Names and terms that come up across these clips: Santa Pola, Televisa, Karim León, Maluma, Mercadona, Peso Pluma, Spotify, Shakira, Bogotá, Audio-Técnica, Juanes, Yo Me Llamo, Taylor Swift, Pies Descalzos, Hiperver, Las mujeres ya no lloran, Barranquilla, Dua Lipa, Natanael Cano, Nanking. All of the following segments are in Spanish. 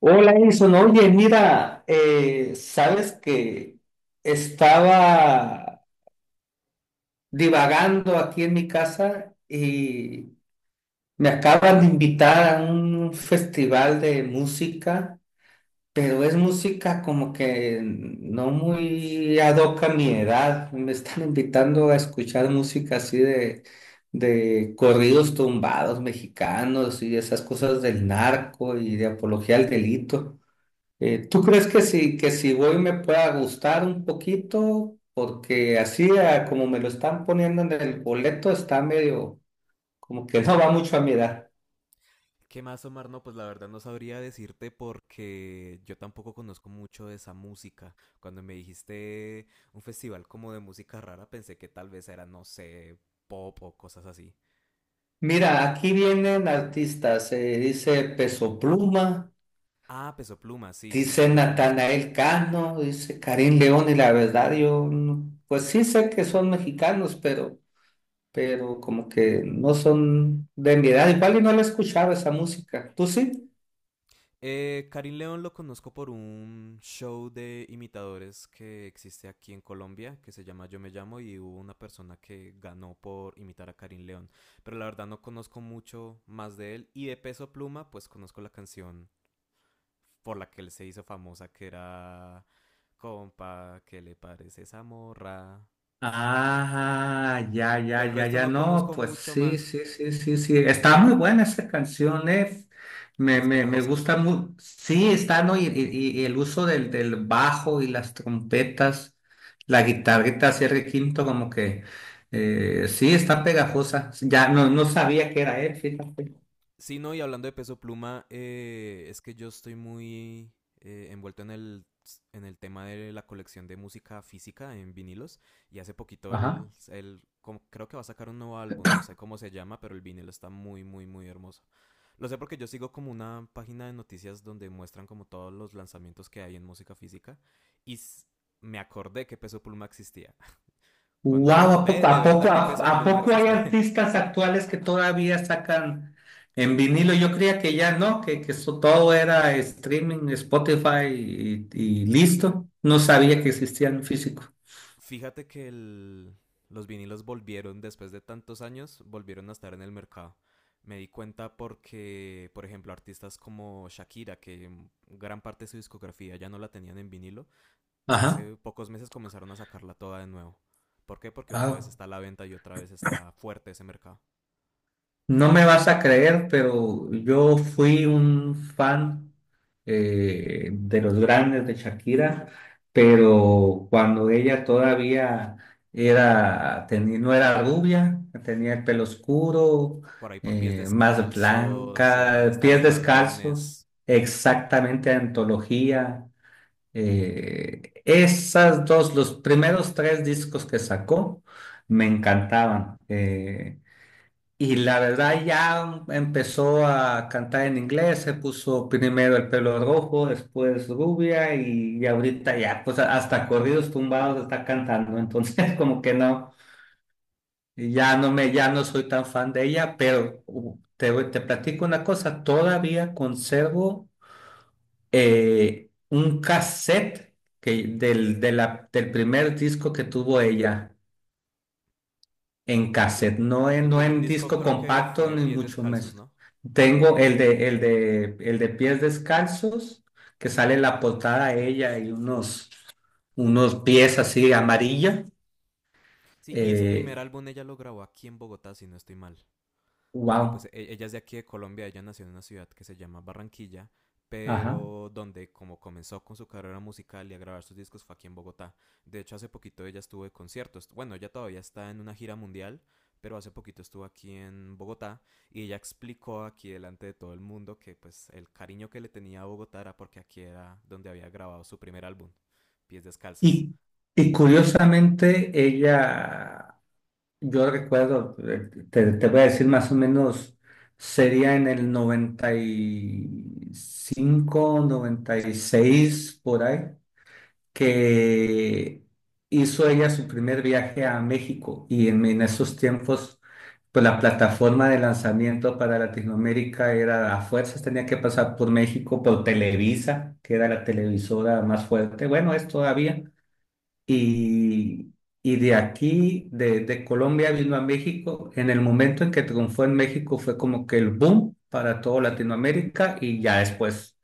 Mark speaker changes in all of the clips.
Speaker 1: Hola, Edison. Oye, mira, sabes que estaba divagando aquí en mi casa y me acaban de invitar a un festival de música, pero es música como que no muy ad hoc a mi edad. Me están invitando a escuchar música así de corridos tumbados mexicanos y esas cosas del narco y de apología al delito. ¿Tú crees que si voy me pueda gustar un poquito? Porque así, como me lo están poniendo en el boleto, está medio como que no va mucho a mirar.
Speaker 2: ¿Qué más, Omar? No, pues la verdad no sabría decirte porque yo tampoco conozco mucho de esa música. Cuando me dijiste un festival como de música rara, pensé que tal vez era, no sé, pop o cosas así.
Speaker 1: Mira, aquí vienen artistas, dice Peso Pluma,
Speaker 2: Ah, Peso Pluma, sí, sí, sí,
Speaker 1: dice
Speaker 2: lo conozco.
Speaker 1: Natanael Cano, dice Karim León, y la verdad yo, pues sí sé que son mexicanos, pero como que no son de mi edad, igual y no la escuchaba esa música. ¿Tú sí?
Speaker 2: Karim León lo conozco por un show de imitadores que existe aquí en Colombia, que se llama Yo Me Llamo, y hubo una persona que ganó por imitar a Karim León. Pero la verdad no conozco mucho más de él. Y de Peso Pluma, pues conozco la canción por la que él se hizo famosa, que era compa, ¿qué le parece esa morra?
Speaker 1: Ah, ya, ya,
Speaker 2: Del
Speaker 1: ya,
Speaker 2: resto
Speaker 1: ya,
Speaker 2: no
Speaker 1: no,
Speaker 2: conozco
Speaker 1: pues
Speaker 2: mucho
Speaker 1: sí,
Speaker 2: más.
Speaker 1: sí, sí, sí, sí, está muy buena esa canción. Me,
Speaker 2: Es
Speaker 1: me, me
Speaker 2: pegajosa.
Speaker 1: gusta muy, sí, está, ¿no? Y el uso del bajo y las trompetas, la guitarrita cierre quinto, como que, sí, está pegajosa, ya, no, no sabía que era él, fíjate.
Speaker 2: Sí, no, y hablando de Peso Pluma, es que yo estoy muy envuelto en el tema de la colección de música física en vinilos. Y hace poquito
Speaker 1: Ajá.
Speaker 2: creo que va a sacar un nuevo álbum, no sé cómo se llama, pero el vinilo está muy, muy, muy hermoso. Lo sé porque yo sigo como una página de noticias donde muestran como todos los lanzamientos que hay en música física y me acordé que Peso Pluma existía.
Speaker 1: Wow, ¿a
Speaker 2: Ve,
Speaker 1: poco,
Speaker 2: de
Speaker 1: a poco,
Speaker 2: verdad que
Speaker 1: a,
Speaker 2: Peso
Speaker 1: a
Speaker 2: Pluma
Speaker 1: poco hay
Speaker 2: existe.
Speaker 1: artistas actuales que todavía sacan en vinilo? Yo creía que ya no, que eso todo era streaming, Spotify y listo. No
Speaker 2: Sí,
Speaker 1: sabía que
Speaker 2: no,
Speaker 1: existían físico.
Speaker 2: fíjate que los vinilos volvieron después de tantos años, volvieron a estar en el mercado. Me di cuenta porque, por ejemplo, artistas como Shakira, que gran parte de su discografía ya no la tenían en vinilo,
Speaker 1: Ajá.
Speaker 2: hace pocos meses comenzaron a sacarla toda de nuevo. ¿Por qué? Porque otra vez
Speaker 1: Ah.
Speaker 2: está a la venta y otra vez está fuerte ese mercado.
Speaker 1: No me vas a creer, pero yo fui un fan de los grandes de Shakira, pero cuando ella todavía no era rubia, tenía el pelo oscuro,
Speaker 2: Por ahí por Pies
Speaker 1: más
Speaker 2: Descalzos, ¿dónde
Speaker 1: blanca,
Speaker 2: están
Speaker 1: pies
Speaker 2: los
Speaker 1: descalzos,
Speaker 2: ladrones?
Speaker 1: exactamente antología. Esas dos, los primeros tres discos que sacó me encantaban. Y la verdad ya empezó a cantar en inglés, se puso primero el pelo rojo, después rubia y ahorita ya, hasta corridos tumbados está cantando, entonces como que no, ya no soy tan fan de ella, pero te platico una cosa, todavía conservo un cassette que, del, de la- del primer disco que tuvo ella. En
Speaker 2: El, pr-
Speaker 1: cassette, no en,
Speaker 2: el
Speaker 1: no
Speaker 2: primer
Speaker 1: en
Speaker 2: disco
Speaker 1: disco
Speaker 2: creo que
Speaker 1: compacto,
Speaker 2: fue
Speaker 1: ni
Speaker 2: Pies
Speaker 1: mucho
Speaker 2: Descalzos,
Speaker 1: menos.
Speaker 2: ¿no?
Speaker 1: Tengo el de pies descalzos, que sale en la portada ella y unos pies así amarilla.
Speaker 2: Sí, y ese primer
Speaker 1: Eh,
Speaker 2: álbum ella lo grabó aquí en Bogotá, si no estoy mal. porque pues
Speaker 1: wow.
Speaker 2: e- ella es de aquí de Colombia, ella nació en una ciudad que se llama Barranquilla,
Speaker 1: Ajá.
Speaker 2: pero donde como comenzó con su carrera musical y a grabar sus discos fue aquí en Bogotá. De hecho, hace poquito ella estuvo de conciertos. Bueno, ella todavía está en una gira mundial, pero hace poquito estuvo aquí en Bogotá y ella explicó aquí delante de todo el mundo que pues el cariño que le tenía a Bogotá era porque aquí era donde había grabado su primer álbum, Pies Descalzos.
Speaker 1: Y, y curiosamente, yo recuerdo, te voy a decir más o menos, sería en el noventa noventa y cinco noventa y seis por ahí. Que hizo ella su primer viaje a México y en esos tiempos, pues la plataforma de lanzamiento para Latinoamérica era a fuerzas, tenía que pasar por México, por Televisa, que era la televisora más fuerte, bueno, es todavía, y, y de aquí, de Colombia vino a México, en el momento en que triunfó en México fue como que el boom para toda
Speaker 2: Sí.
Speaker 1: Latinoamérica y ya después,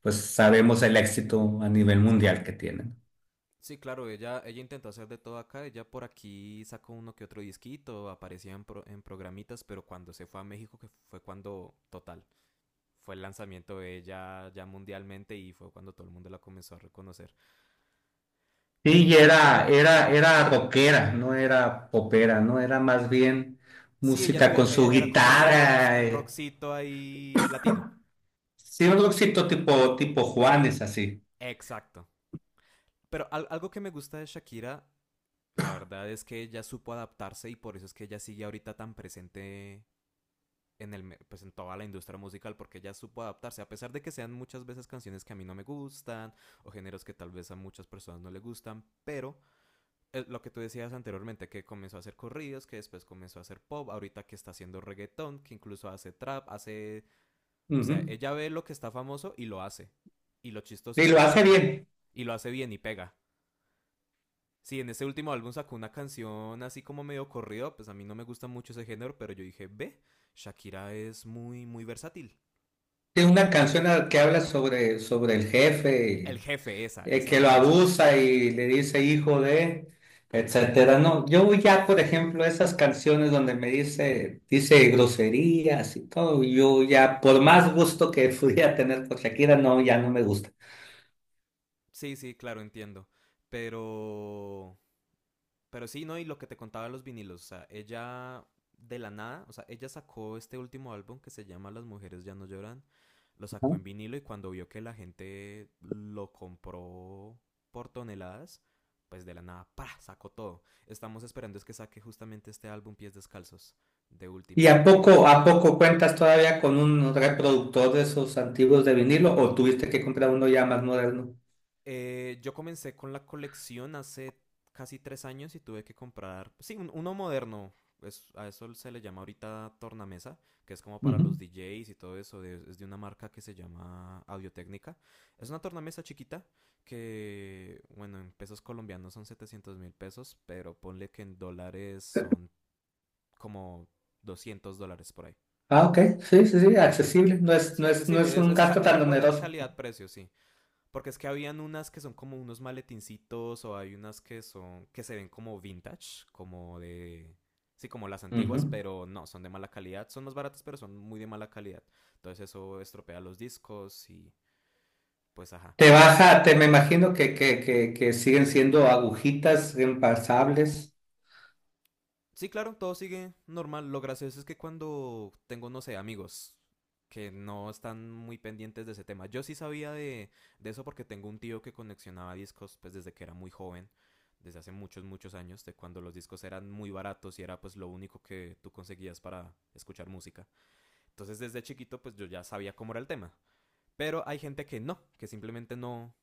Speaker 1: pues sabemos el éxito a nivel mundial que tienen.
Speaker 2: Sí, claro, ella intentó hacer de todo acá, ella por aquí sacó uno que otro disquito, aparecía en programitas, pero cuando se fue a México, que fue cuando, total, fue el lanzamiento de ella ya mundialmente y fue cuando todo el mundo la comenzó a reconocer.
Speaker 1: Sí,
Speaker 2: Pero
Speaker 1: y
Speaker 2: sí,
Speaker 1: era,
Speaker 2: algo,
Speaker 1: era, era rockera, no era popera, no era más bien
Speaker 2: sí, ella
Speaker 1: música
Speaker 2: subía,
Speaker 1: con
Speaker 2: ella
Speaker 1: su
Speaker 2: era como un rock,
Speaker 1: guitarra.
Speaker 2: un
Speaker 1: eh.
Speaker 2: rockcito ahí latino.
Speaker 1: Sí, un rockcito tipo Juanes, así.
Speaker 2: Exacto. Pero algo que me gusta de Shakira, la verdad es que ella supo adaptarse y por eso es que ella sigue ahorita tan presente en, el, pues en toda la industria musical porque ella supo adaptarse, a pesar de que sean muchas veces canciones que a mí no me gustan o géneros que tal vez a muchas personas no le gustan, pero lo que tú decías anteriormente, que comenzó a hacer corridos, que después comenzó a hacer pop, ahorita que está haciendo reggaetón, que incluso hace trap, hace... O sea,
Speaker 1: Ujú.
Speaker 2: ella ve lo que está famoso y lo hace. Y lo chistoso
Speaker 1: Y
Speaker 2: es
Speaker 1: lo
Speaker 2: que
Speaker 1: hace
Speaker 2: pega.
Speaker 1: bien.
Speaker 2: Y lo hace bien y pega. Sí, en ese último álbum sacó una canción así como medio corrido, pues a mí no me gusta mucho ese género, pero yo dije, ve, Shakira es muy, muy versátil.
Speaker 1: Tiene una canción que habla sobre el
Speaker 2: El
Speaker 1: jefe,
Speaker 2: jefe, esa, esa es
Speaker 1: que
Speaker 2: la
Speaker 1: lo
Speaker 2: canción.
Speaker 1: abusa y le dice hijo de, etcétera. No, yo ya, por ejemplo, esas canciones donde dice groserías y todo, yo ya, por más gusto que pudiera tener por Shakira, no, ya no me gusta.
Speaker 2: Sí, sí, claro, entiendo. Pero, pero sí, ¿no? Y lo que te contaba de los vinilos, o sea, ella de la nada, o sea, ella sacó este último álbum que se llama Las mujeres ya no lloran, lo sacó en vinilo y cuando vio que la gente lo compró por toneladas, pues de la nada, ¡pa! Sacó todo. Estamos esperando es que saque justamente este álbum Pies Descalzos de
Speaker 1: ¿Y
Speaker 2: últimas,
Speaker 1: a
Speaker 2: porque
Speaker 1: poco, a poco cuentas todavía con un reproductor de esos antiguos de vinilo o tuviste que comprar uno ya más moderno?
Speaker 2: Yo comencé con la colección hace casi 3 años y tuve que comprar, sí, uno moderno. Es, a eso se le llama ahorita tornamesa, que es como para
Speaker 1: Ujú.
Speaker 2: los DJs y todo eso. Es de una marca que se llama Audio-Técnica. Es una tornamesa chiquita que, bueno, en pesos colombianos son 700.000 pesos, pero ponle que en dólares son como $200 por ahí.
Speaker 1: Ah, ok. Sí, sí, sí, accesible. No es,
Speaker 2: Sí,
Speaker 1: no es, no es
Speaker 2: accesible, es,
Speaker 1: un
Speaker 2: es
Speaker 1: gasto
Speaker 2: cal- es
Speaker 1: tan
Speaker 2: buena
Speaker 1: oneroso.
Speaker 2: calidad-precio, sí. Porque es que habían unas que son como unos maletincitos o hay unas que son que se ven como vintage, como de sí, como las antiguas,
Speaker 1: Ujú.
Speaker 2: pero no, son de mala calidad, son más baratas pero son muy de mala calidad. Entonces eso estropea los discos y pues ajá.
Speaker 1: Te me imagino que siguen siendo agujitas reemplazables.
Speaker 2: Sí, claro, todo sigue normal. Lo gracioso es que cuando tengo, no sé, amigos que no están muy pendientes de ese tema. Yo sí sabía de eso porque tengo un tío que coleccionaba discos pues desde que era muy joven, desde hace muchos, muchos años, de cuando los discos eran muy baratos y era pues lo único que tú conseguías para escuchar música. Entonces desde chiquito pues yo ya sabía cómo era el tema. Pero hay gente que no, que simplemente no,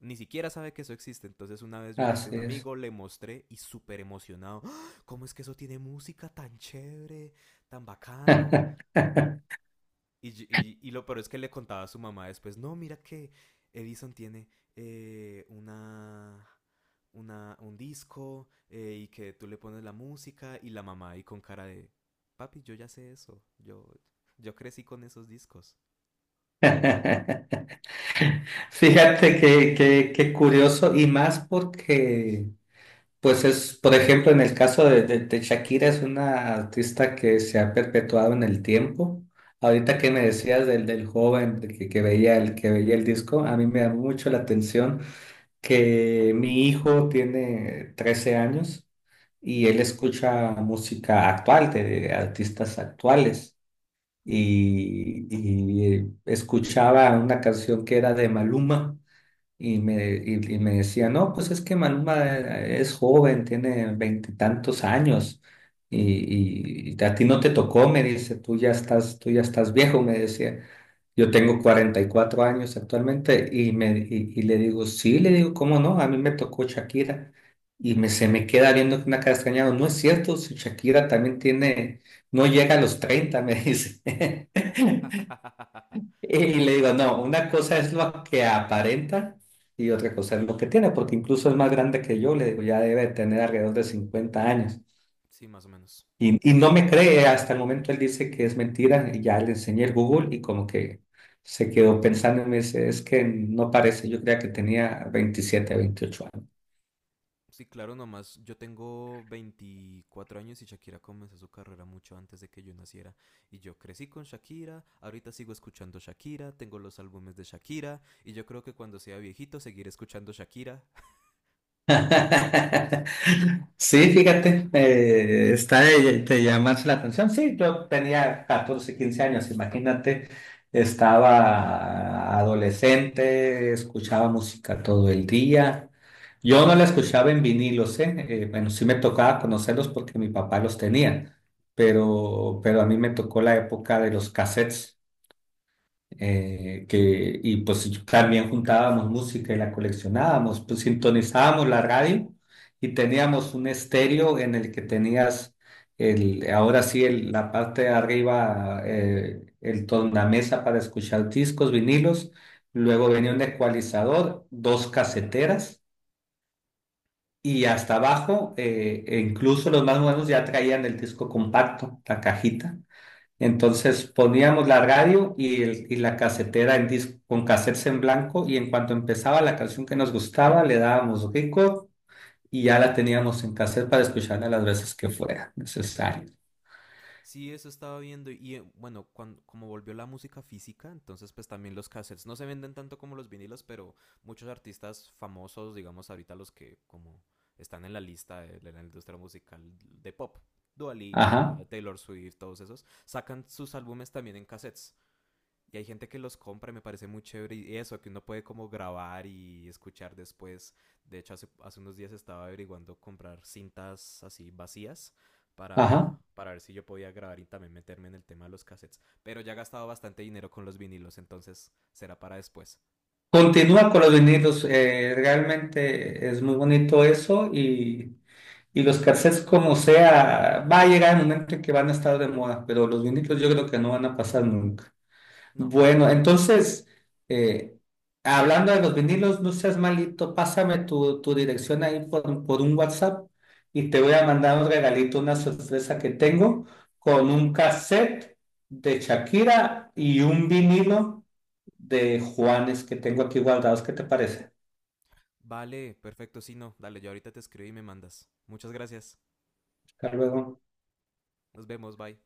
Speaker 2: ni siquiera sabe que eso existe. Entonces una vez yo invité a
Speaker 1: Así
Speaker 2: un
Speaker 1: es.
Speaker 2: amigo, le mostré y súper emocionado. ¡Ah! ¿Cómo es que eso tiene música tan chévere, tan bacano? Y, y lo peor es que le contaba a su mamá después, no, mira que Edison tiene eh, una, un disco y que tú le pones la música y la mamá ahí con cara de, papi, yo ya sé eso, yo crecí con esos discos.
Speaker 1: Fíjate que curioso y más porque pues es, por ejemplo, en el caso de Shakira, es una artista que se ha perpetuado en el tiempo. Ahorita que me decías del joven de que veía el disco, a mí me llamó mucho la atención que mi hijo tiene 13 años y él escucha música actual, de artistas actuales, y escuchaba una canción que era de Maluma y me decía, no, pues es que Maluma es joven, tiene veintitantos años y a ti no te tocó, me dice, tú ya estás viejo, me decía. Yo tengo 44 años actualmente y le digo, sí, le digo, ¿cómo no? A mí me tocó Shakira se me queda viendo con una cara extrañada. No es cierto, si Shakira también tiene, no llega a los 30 me dice. Y le digo, no, una cosa es lo que aparenta y otra cosa es lo que tiene, porque incluso es más grande que yo, le digo, ya debe de tener alrededor de 50 años.
Speaker 2: Sí, más o menos.
Speaker 1: Y no me cree, hasta el momento él dice que es mentira y ya le enseñé el Google y como que se quedó pensando y me dice, es que no parece, yo creía que tenía 27 28 años.
Speaker 2: Sí, claro, nomás yo tengo 24 años y Shakira comenzó su carrera mucho antes de que yo naciera. Y yo crecí con Shakira, ahorita sigo escuchando Shakira, tengo los álbumes de Shakira y yo creo que cuando sea viejito seguiré escuchando Shakira.
Speaker 1: Sí, fíjate, está de llamarse la atención. Sí, yo tenía 14, 15 años, imagínate, estaba adolescente, escuchaba música todo el día. Yo no la escuchaba en vinilos, ¿eh? Bueno, sí me tocaba conocerlos porque mi papá los tenía, pero a mí me tocó la época de los cassettes y pues yo también juntábamos música y la coleccionábamos, pues sintonizábamos la radio y teníamos un estéreo en el que tenías ahora sí, la parte de arriba, el tornamesa para escuchar discos, vinilos, luego venía un ecualizador, dos caseteras. Y hasta abajo, e incluso los más modernos ya traían el disco compacto, la cajita. Entonces poníamos la radio y la casetera en disco, con cassettes en blanco y en cuanto empezaba la canción que nos gustaba le dábamos record y ya la teníamos en cassette para escucharla las veces que fuera necesario.
Speaker 2: Sí, eso estaba viendo y bueno, cuando como volvió la música física, entonces pues también los cassettes no se venden tanto como los vinilos, pero muchos artistas famosos, digamos ahorita los que como están en la lista de la industria musical de pop, Dua Lipa,
Speaker 1: Ajá,
Speaker 2: Taylor Swift, todos esos, sacan sus álbumes también en cassettes. Y hay gente que los compra y me parece muy chévere. Y eso, que uno puede como grabar y escuchar después. De hecho, hace unos días estaba averiguando comprar cintas así vacías
Speaker 1: ajá.
Speaker 2: para ver si yo podía grabar y también meterme en el tema de los cassettes. Pero ya he gastado bastante dinero con los vinilos, entonces será para después.
Speaker 1: Continúa con los vinilos, realmente es muy bonito eso y los cassettes como sea, va a llegar el momento en que van a estar de moda, pero los vinilos yo creo que no van a pasar nunca.
Speaker 2: No.
Speaker 1: Bueno, entonces, eh, hablando de los vinilos, no seas malito, pásame tu dirección ahí por un WhatsApp y te voy a mandar un regalito, una sorpresa que tengo con un cassette de Shakira y un vinilo de Juanes que tengo aquí guardados. ¿Qué te parece?
Speaker 2: Vale, perfecto, sí, no. Dale, yo ahorita te escribo y me mandas. Muchas gracias.
Speaker 1: Hasta luego.
Speaker 2: Nos vemos, bye.